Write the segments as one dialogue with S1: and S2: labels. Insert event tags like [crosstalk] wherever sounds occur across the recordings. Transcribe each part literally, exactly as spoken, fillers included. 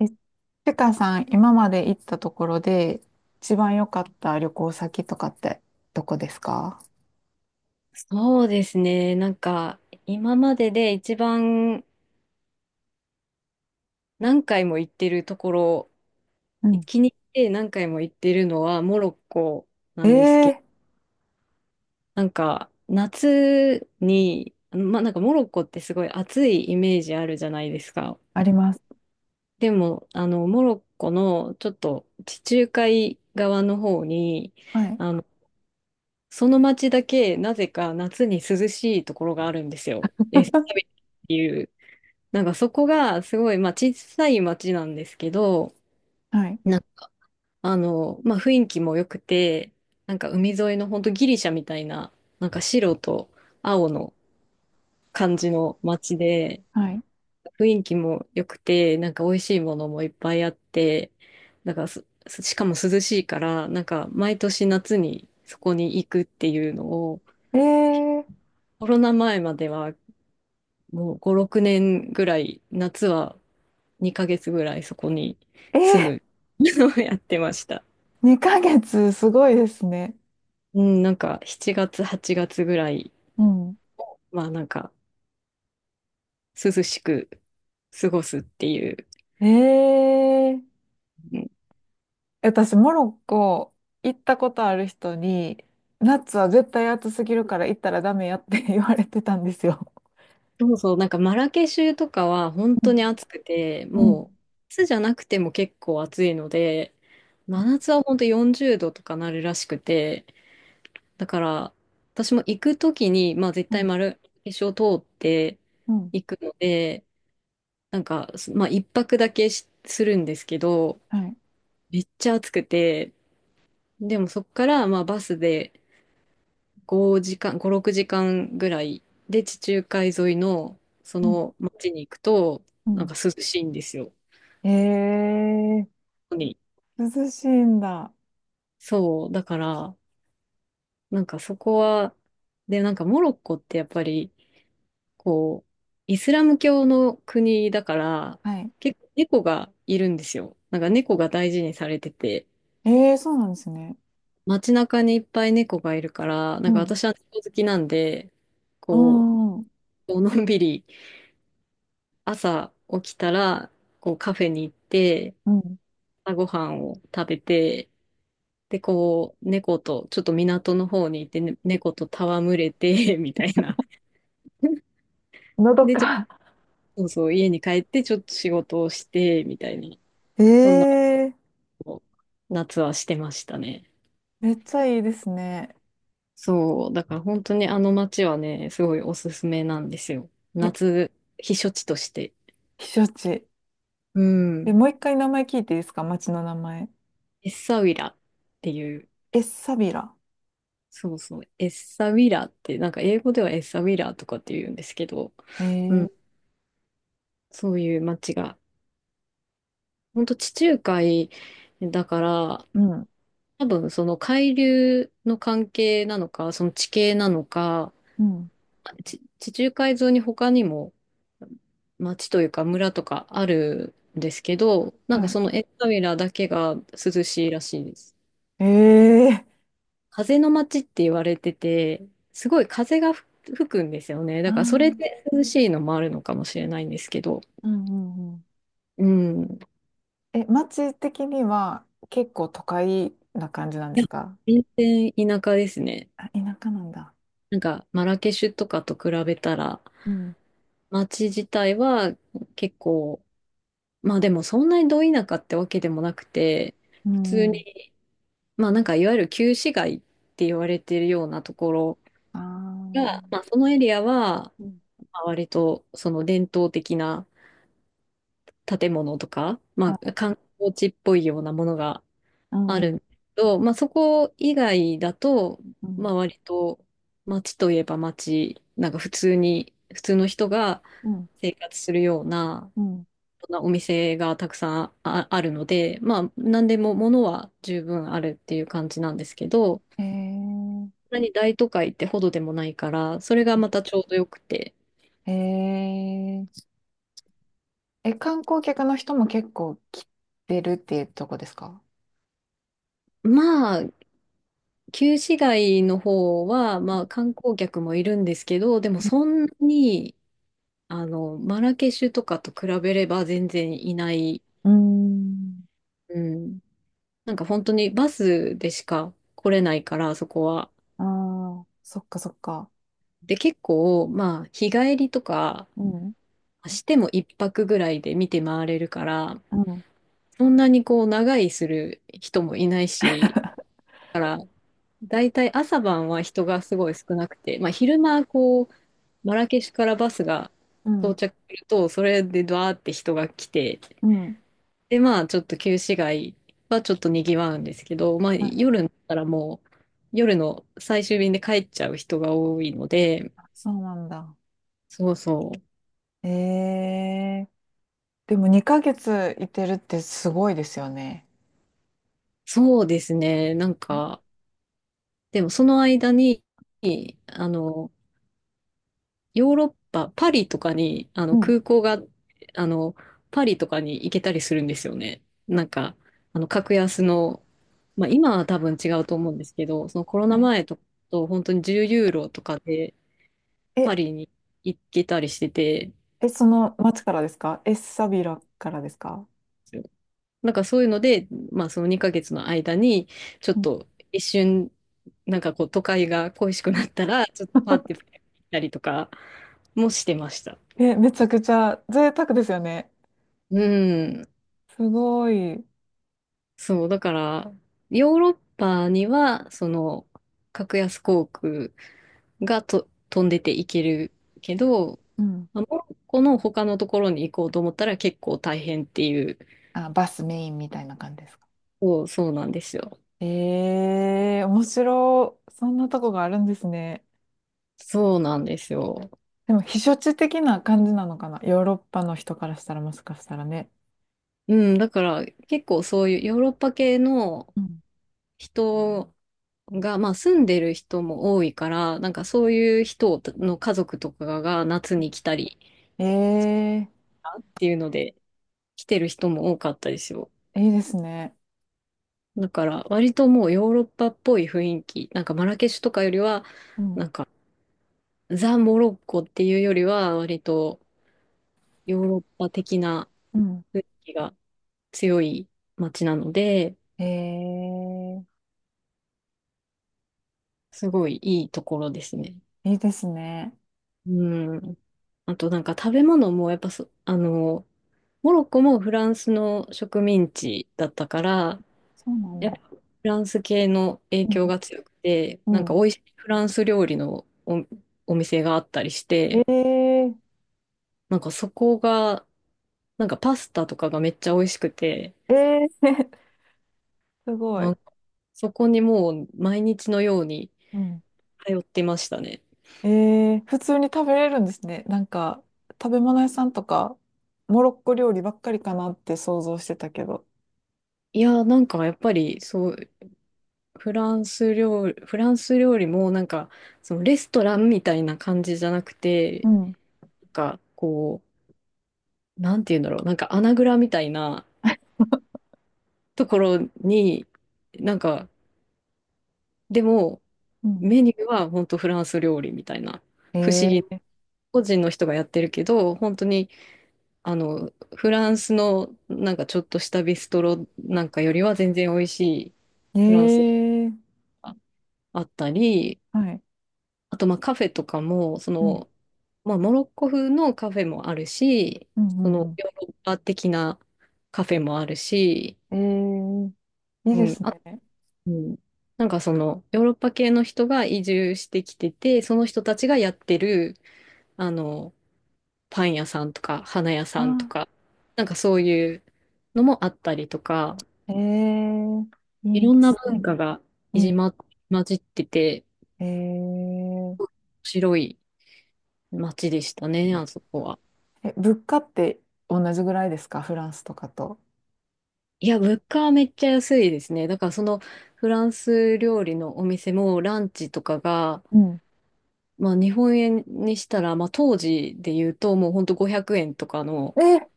S1: え、ちかさん、今まで行ったところで、一番良かった旅行先とかって、どこですか？
S2: そうですね。なんか、今までで一番何回も行ってるところ、
S1: うん。
S2: 気に入って何回も行ってるのはモロッコ
S1: え
S2: なんです
S1: え
S2: けど、
S1: ー。
S2: なんか、夏に、まあ、なんかモロッコってすごい暑いイメージあるじゃないですか。
S1: あります。
S2: でも、あの、モロッコのちょっと地中海側の方に、
S1: はい。
S2: あの、その町だけなぜか夏に涼しいところがあるんですよ。エスタビっ
S1: [laughs]
S2: ていう。なんかそこがすごい、まあ小さい町なんですけど、
S1: はい。
S2: なんかあの、まあ雰囲気も良くて、なんか海沿いの本当ギリシャみたいな、なんか白と青の感じの町で、
S1: はい。
S2: 雰囲気も良くて、なんか美味しいものもいっぱいあって、なんからす、しかも涼しいから、なんか毎年夏にそこに行くっていうのを、
S1: ええ。
S2: コロナ前まではもうご、ろくねんぐらい夏はにかげつぐらいそこに
S1: ええ。
S2: 住むのをやってました。
S1: にかげつ、すごいですね。
S2: うん、なんかしちがつ、はちがつぐらい、
S1: うん。
S2: まあなんか涼しく過ごすっていう。
S1: ええー。
S2: うん、
S1: 私、モロッコ行ったことある人に、夏は絶対暑すぎるから行ったらダメやって [laughs] 言われてたんですよ。
S2: そうそう、なんかマラケシュとかは本
S1: う
S2: 当に
S1: ん。
S2: 暑くて、
S1: う
S2: もう
S1: ん。
S2: 夏じゃなくても結構暑いので、真夏は本当よんじゅうどとかなるらしくて、だから私も行くときに、まあ絶
S1: は
S2: 対
S1: い。
S2: マラケシュを通って
S1: うん。
S2: 行くので、なんか、すまあ、一泊だけしするんですけど、
S1: はい。
S2: めっちゃ暑くて、でもそこから、まあ、バスでごじかん、ご、ろくじかんぐらいで地中海沿いのそ
S1: うん。
S2: の町に行くと、
S1: う
S2: なん
S1: ん。
S2: か涼しいんですよ。
S1: ええ。
S2: に
S1: 涼しいんだ。
S2: そう、だから、なんかそこは、で、なんかモロッコってやっぱり、こう、イスラム教の国だから、
S1: はい。
S2: 結構猫がいるんですよ。なんか猫が大事にされてて、
S1: ええ、そうなんですね。
S2: 街中にいっぱい猫がいるから、
S1: う
S2: なんか
S1: ん。
S2: 私は猫好きなんで、
S1: う
S2: こ
S1: ん。う
S2: う、のんびり朝起きたら、こうカフェに行って、
S1: ん。
S2: 朝ごはんを食べて、で、こう、猫と、ちょっと港の方に行って、ね猫と戯れて、[laughs] みたいな。
S1: のど
S2: で、ちょっと、
S1: か。
S2: そうそう、家に帰って、ちょっと仕事をして、みたいな、
S1: え
S2: そんなこ
S1: え、
S2: とを夏はしてましたね。
S1: めっちゃいいですね。
S2: そう、だから本当にあの街はね、すごいおすすめなんですよ。
S1: え、
S2: 夏、避暑地として。
S1: 避暑地。
S2: う
S1: え、
S2: ん。
S1: もう一回名前聞いていいですか、町の名前。
S2: エッサウィラっていう、
S1: え、サビラ。
S2: そうそう、エッサウィラって、なんか英語ではエッサウィラとかって言うんですけど、う
S1: え
S2: ん。
S1: え。
S2: そういう街が、ほんと地中海だから、
S1: うん。
S2: 多分その海流の関係なのか、その地形なのか、
S1: うん。
S2: ち地中海沿いに他にも町というか村とかあるんですけど、なん
S1: は
S2: か
S1: い。
S2: そのエッサウィラだけが涼しいらしいです。
S1: ええ。
S2: 風の街って言われてて、すごい風がふ吹くんですよね。
S1: ああ
S2: だからそれ
S1: ー、
S2: で涼しいのもあるのかもしれないんですけど、
S1: うんうんうん。
S2: うん。
S1: え、町的には結構都会な感じなんで
S2: いや、
S1: すか？
S2: 全然田舎ですね。
S1: あ、田舎なんだ。
S2: なんかマラケシュとかと比べたら、
S1: うん。
S2: 街自体は結構、まあでもそんなにど田舎ってわけでもなくて、
S1: う
S2: 普通
S1: んうん。
S2: に、まあなんかいわゆる旧市街って言われてるようなところ
S1: あ
S2: が、まあそのエリアは、
S1: あ。
S2: まあ割とその伝統的な建物とか、
S1: は
S2: まあ、
S1: い。
S2: 観光地っぽいようなものが
S1: うん
S2: あ
S1: う
S2: るん
S1: ん
S2: ですけど、まあ、そこ以外だと、
S1: う
S2: ま
S1: ん。
S2: あ、割と街といえば街、なんか普通に、普通の人が
S1: うん
S2: 生活するような、
S1: うん。
S2: そんなお店がたくさんあ、あるので、まあ、何でも物は十分あるっていう感じなんですけど、
S1: へえ。
S2: そんなに大都会ってほどでもないから、それがまたちょうどよくて、
S1: へえ。え、観光客の人も結構来てるっていうとこですか？
S2: まあ、旧市街の方は、まあ、観光客もいるんですけど、でもそんなに、あの、マラケシュとかと比べれば全然いない。
S1: うん。
S2: うん。なんか本当にバスでしか来れないから、そこは。
S1: ああー、そっかそっか。
S2: で、結構、まあ、日帰りとか
S1: うん。
S2: しても一泊ぐらいで見て回れるから、
S1: うん。
S2: そんなにこう、長居する人もいないし、大体朝晩は人がすごい少なくて、まあ、昼間こうマラケシュからバスが
S1: う
S2: 到
S1: ん。
S2: 着するとそれでドワーって人が来て、
S1: うん。
S2: でまあちょっと旧市街はちょっとにぎわうんですけど、まあ、
S1: はい。
S2: 夜になったらもう夜の最終便で帰っちゃう人が多いので。
S1: あ、そうなんだ。
S2: そうそう。
S1: ええ。でもにかげついてるってすごいですよね。
S2: そうですね。なん
S1: ん。
S2: かでもその間にあのヨーロッパ、パリとかに、あ
S1: う
S2: の、
S1: ん。
S2: 空港が、あの、パリとかに行けたりするんですよね。なんか、あの、格安の、まあ、今は多分違うと思うんですけど、そのコロ
S1: は
S2: ナ
S1: い。
S2: 前と、と本当にじゅうユーロとかでパ
S1: え、
S2: リに行けたりしてて、
S1: え、その町からですか？え、エッサビラからですか？
S2: なんかそういうので、まあ、そのにかげつの間に、ちょっ
S1: うん。
S2: と一瞬、なんかこう、都会が恋しくなったら、ちょっとパーっ
S1: [laughs]
S2: て行ったりとかもしてました。
S1: え、めちゃくちゃ贅沢ですよね。
S2: うん。
S1: すごい。
S2: そう、だから、ヨーロッパには、その、格安航空がと飛んでていけるけど、
S1: うん。
S2: まあモロッコの他のところに行こうと思ったら結構大変っていう。
S1: あ、バスメインみたいな感じですか。
S2: そう、そうなんですよ。
S1: ええ、面白い。そんなとこがあるんですね。
S2: そうなんですよ。
S1: でも、避暑地的な感じなのかな。ヨーロッパの人からしたらもしかしたらね。
S2: うん、だから結構そういうヨーロッパ系の
S1: うん。
S2: 人が、まあ住んでる人も多いから、なんかそういう人の家族とかが夏に来たり
S1: え
S2: っていうので来てる人も多かったですよ。
S1: え、いいですね。
S2: だから割ともうヨーロッパっぽい雰囲気、なんかマラケシュとかよりは、
S1: うん。
S2: なんかザ・モロッコっていうよりは割とヨーロッパ的な
S1: うん。
S2: 雰囲気が強い街なので、
S1: ええ、
S2: すごいいいところですね。
S1: いいですね。
S2: うん。あとなんか食べ物もやっぱそ、あの、モロッコもフランスの植民地だったから、
S1: そうなん
S2: やっぱ
S1: だ。
S2: フランス系の影
S1: うん。
S2: 響が強くて、
S1: う
S2: なんか
S1: ん。
S2: 美味しいフランス料理のお、お店があったりし
S1: え
S2: て、
S1: え。
S2: なんかそこが、なんかパスタとかがめっちゃ美味しくて、
S1: ええ。 [laughs] すご
S2: な
S1: い。
S2: んかそこにもう毎日のように
S1: うん。
S2: 通ってましたね。
S1: えー、普通に食べれるんですね。なんか、食べ物屋さんとか、モロッコ料理ばっかりかなって想像してたけど。
S2: いやーなんかやっぱりそう、フランス料理、フランス料理もなんかそのレストランみたいな感じじゃなくて、
S1: うん、
S2: なんかこう、なんて言うんだろう、なんか穴蔵みたいなところに、なんかでも
S1: うん。
S2: メニューは本当フランス料理みたいな、不思議、
S1: え
S2: 個人の人がやってるけど、本当にあの、フランスのなんかちょっとしたビストロなんかよりは全然美味しい
S1: ー、
S2: フランス
S1: えー、
S2: があったり、
S1: はい。
S2: あとまあカフェとかも、そ
S1: うん、
S2: の、まあモロッコ風のカフェもあるし、
S1: う
S2: そ
S1: ん、う
S2: の
S1: ん
S2: ヨーロッパ的なカフェもあるし、
S1: うん。えー、いい
S2: う
S1: で
S2: ん、
S1: す
S2: あ、
S1: ね。
S2: うん、なんかそのヨーロッパ系の人が移住してきてて、その人たちがやってる、あの、パン屋さんとか花屋
S1: あ
S2: さんとか、なんかそういうのもあったりとか、
S1: ー、えー、
S2: い
S1: いい
S2: ろ
S1: で
S2: んな
S1: すね。
S2: 文化が
S1: う
S2: い
S1: ん。
S2: じま、混じってて、
S1: えー、
S2: 面白い街でしたね、あそこは。
S1: え、物価って同じぐらいですか、フランスとかと。
S2: いや、物価はめっちゃ安いですね。だからそのフランス料理のお店もランチとかが、
S1: うん。
S2: まあ日本円にしたら、まあ当時で言うともうほんとごひゃくえんとかの、
S1: えー、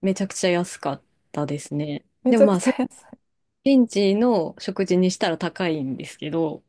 S2: めちゃくちゃ安かったですね。
S1: め
S2: で
S1: ち
S2: も
S1: ゃ
S2: ま
S1: く
S2: あ
S1: ちゃ
S2: そ
S1: 安い。
S2: れ現地の食事にしたら高いんですけど、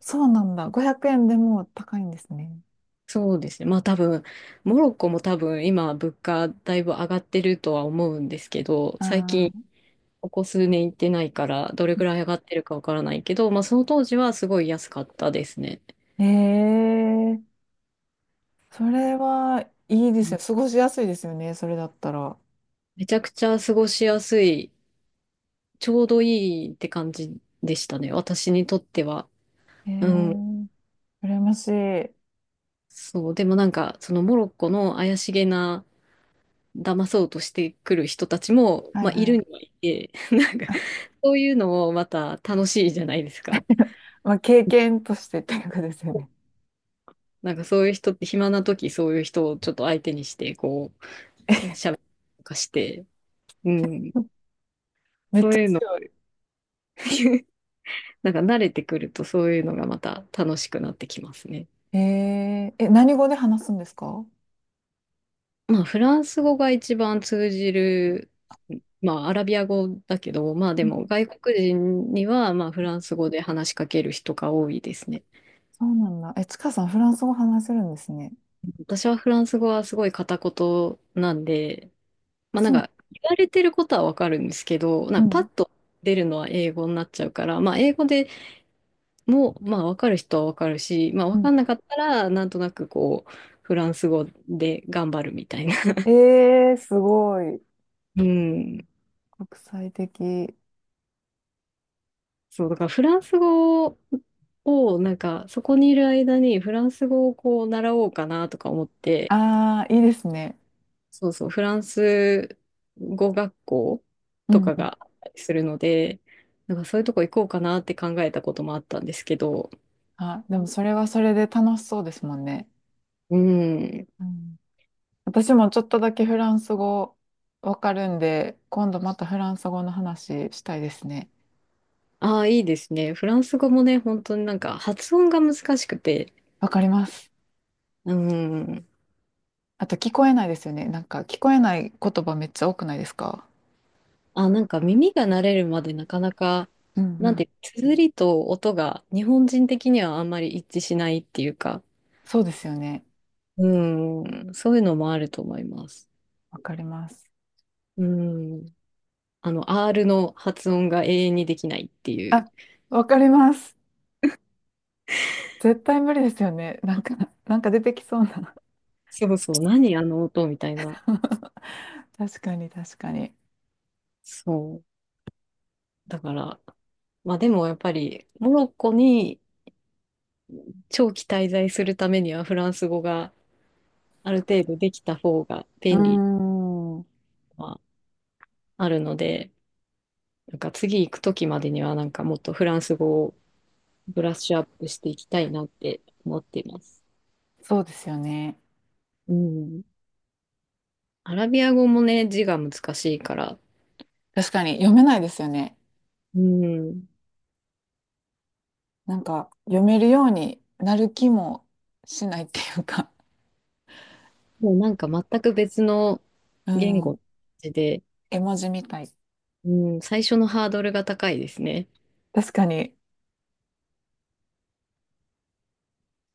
S1: そうなんだ。ごひゃくえんでも高いんですね。
S2: そうですね。まあ多分、モロッコも多分今物価だいぶ上がってるとは思うんですけど、最
S1: あ
S2: 近
S1: あ。
S2: ここ数年行ってないからどれぐらい上がってるかわからないけど、まあその当時はすごい安かったですね。
S1: ええ、それはいいですよ、過ごしやすいですよね、それだったら。
S2: めちゃくちゃ過ごしやすい、ちょうどいいって感じでしたね。私にとっては。うん。
S1: ええ。羨ましい。は
S2: そう。でもなんか、そのモロッコの怪しげな、騙そうとしてくる人たちも、
S1: い
S2: まあい
S1: は
S2: る
S1: い。
S2: にはいて、[laughs] なんか、
S1: あ、
S2: そういうのもまた楽しいじゃないですか。
S1: まあ、経験としてっていうかですよね。
S2: なんかそういう人って、暇な時そういう人をちょっと相手にして、こう、ししゃべりとかして、うん。
S1: [laughs] めっ
S2: そ
S1: ち
S2: う
S1: ゃ
S2: いうの、
S1: 強い。
S2: なんか慣れてくるとそういうのがまた楽しくなってきますね。
S1: ええ。え、何語で話すんですか？
S2: まあフランス語が一番通じる、まあアラビア語だけど、まあで
S1: うん。
S2: も外国人にはまあフランス語で話しかける人が多いですね。
S1: そうなんだ。え、ちかさん、フランス語話せるんですね。
S2: 私はフランス語はすごい片言なんで、ま
S1: あ、
S2: あなん
S1: そう。
S2: か言われてることはわかるんですけど、な
S1: う
S2: んか
S1: ん。
S2: パッと出るのは英語になっちゃうから、まあ英語でも、まあ、わかる人はわかるし、まあ、
S1: う
S2: わ
S1: ん。
S2: かんなかったら、なんとなくこう、フランス語で頑張るみたいな。
S1: ええ、すごい。
S2: うん。
S1: 国際的。
S2: そう、だからフランス語を、なんか、そこにいる間にフランス語をこう、習おうかなとか思って、
S1: ああ、いいですね。
S2: そうそう、フランス語学校
S1: う
S2: と
S1: ん
S2: か
S1: うん。
S2: があったりするので、なんかそういうとこ行こうかなって考えたこともあったんですけど、
S1: あ、でもそれはそれで楽しそうですもんね。
S2: うん。
S1: うん。私もちょっとだけフランス語わかるんで、今度またフランス語の話したいですね。
S2: ああ、いいですね。フランス語もね、本当になんか発音が難しくて、
S1: わかります。
S2: うん。
S1: あと聞こえないですよね。なんか聞こえない言葉めっちゃ多くないですか？
S2: あ、なんか耳が慣れるまでなかなか、
S1: うんう
S2: なんて、
S1: ん。
S2: 綴りと音が日本人的にはあんまり一致しないっていうか、
S1: そうですよね。
S2: うん、そういうのもあると思います。
S1: わかります。
S2: うん、あの、アール の発音が永遠にできないっていう。
S1: あ、わかります。絶対無理ですよね。なんか、なんか出てきそうな。
S2: そうそう、何あの音みたいな。
S1: [laughs] 確かに確かに。
S2: そう。だから、まあでもやっぱり、モロッコに長期滞在するためにはフランス語がある程度できた方が
S1: うー
S2: 便利
S1: ん。
S2: はあるので、なんか次行くときまでにはなんかもっとフランス語をブラッシュアップしていきたいなって思っています。
S1: そうですよね。
S2: うん。アラビア語もね、字が難しいから、
S1: 確かに読めないですよね。
S2: うん。
S1: なんか読めるようになる気もしないっていうか。
S2: もうなんか全く別の
S1: う
S2: 言語
S1: ん。
S2: で、
S1: 絵文字みたい。
S2: うん、最初のハードルが高いですね。
S1: 確かに、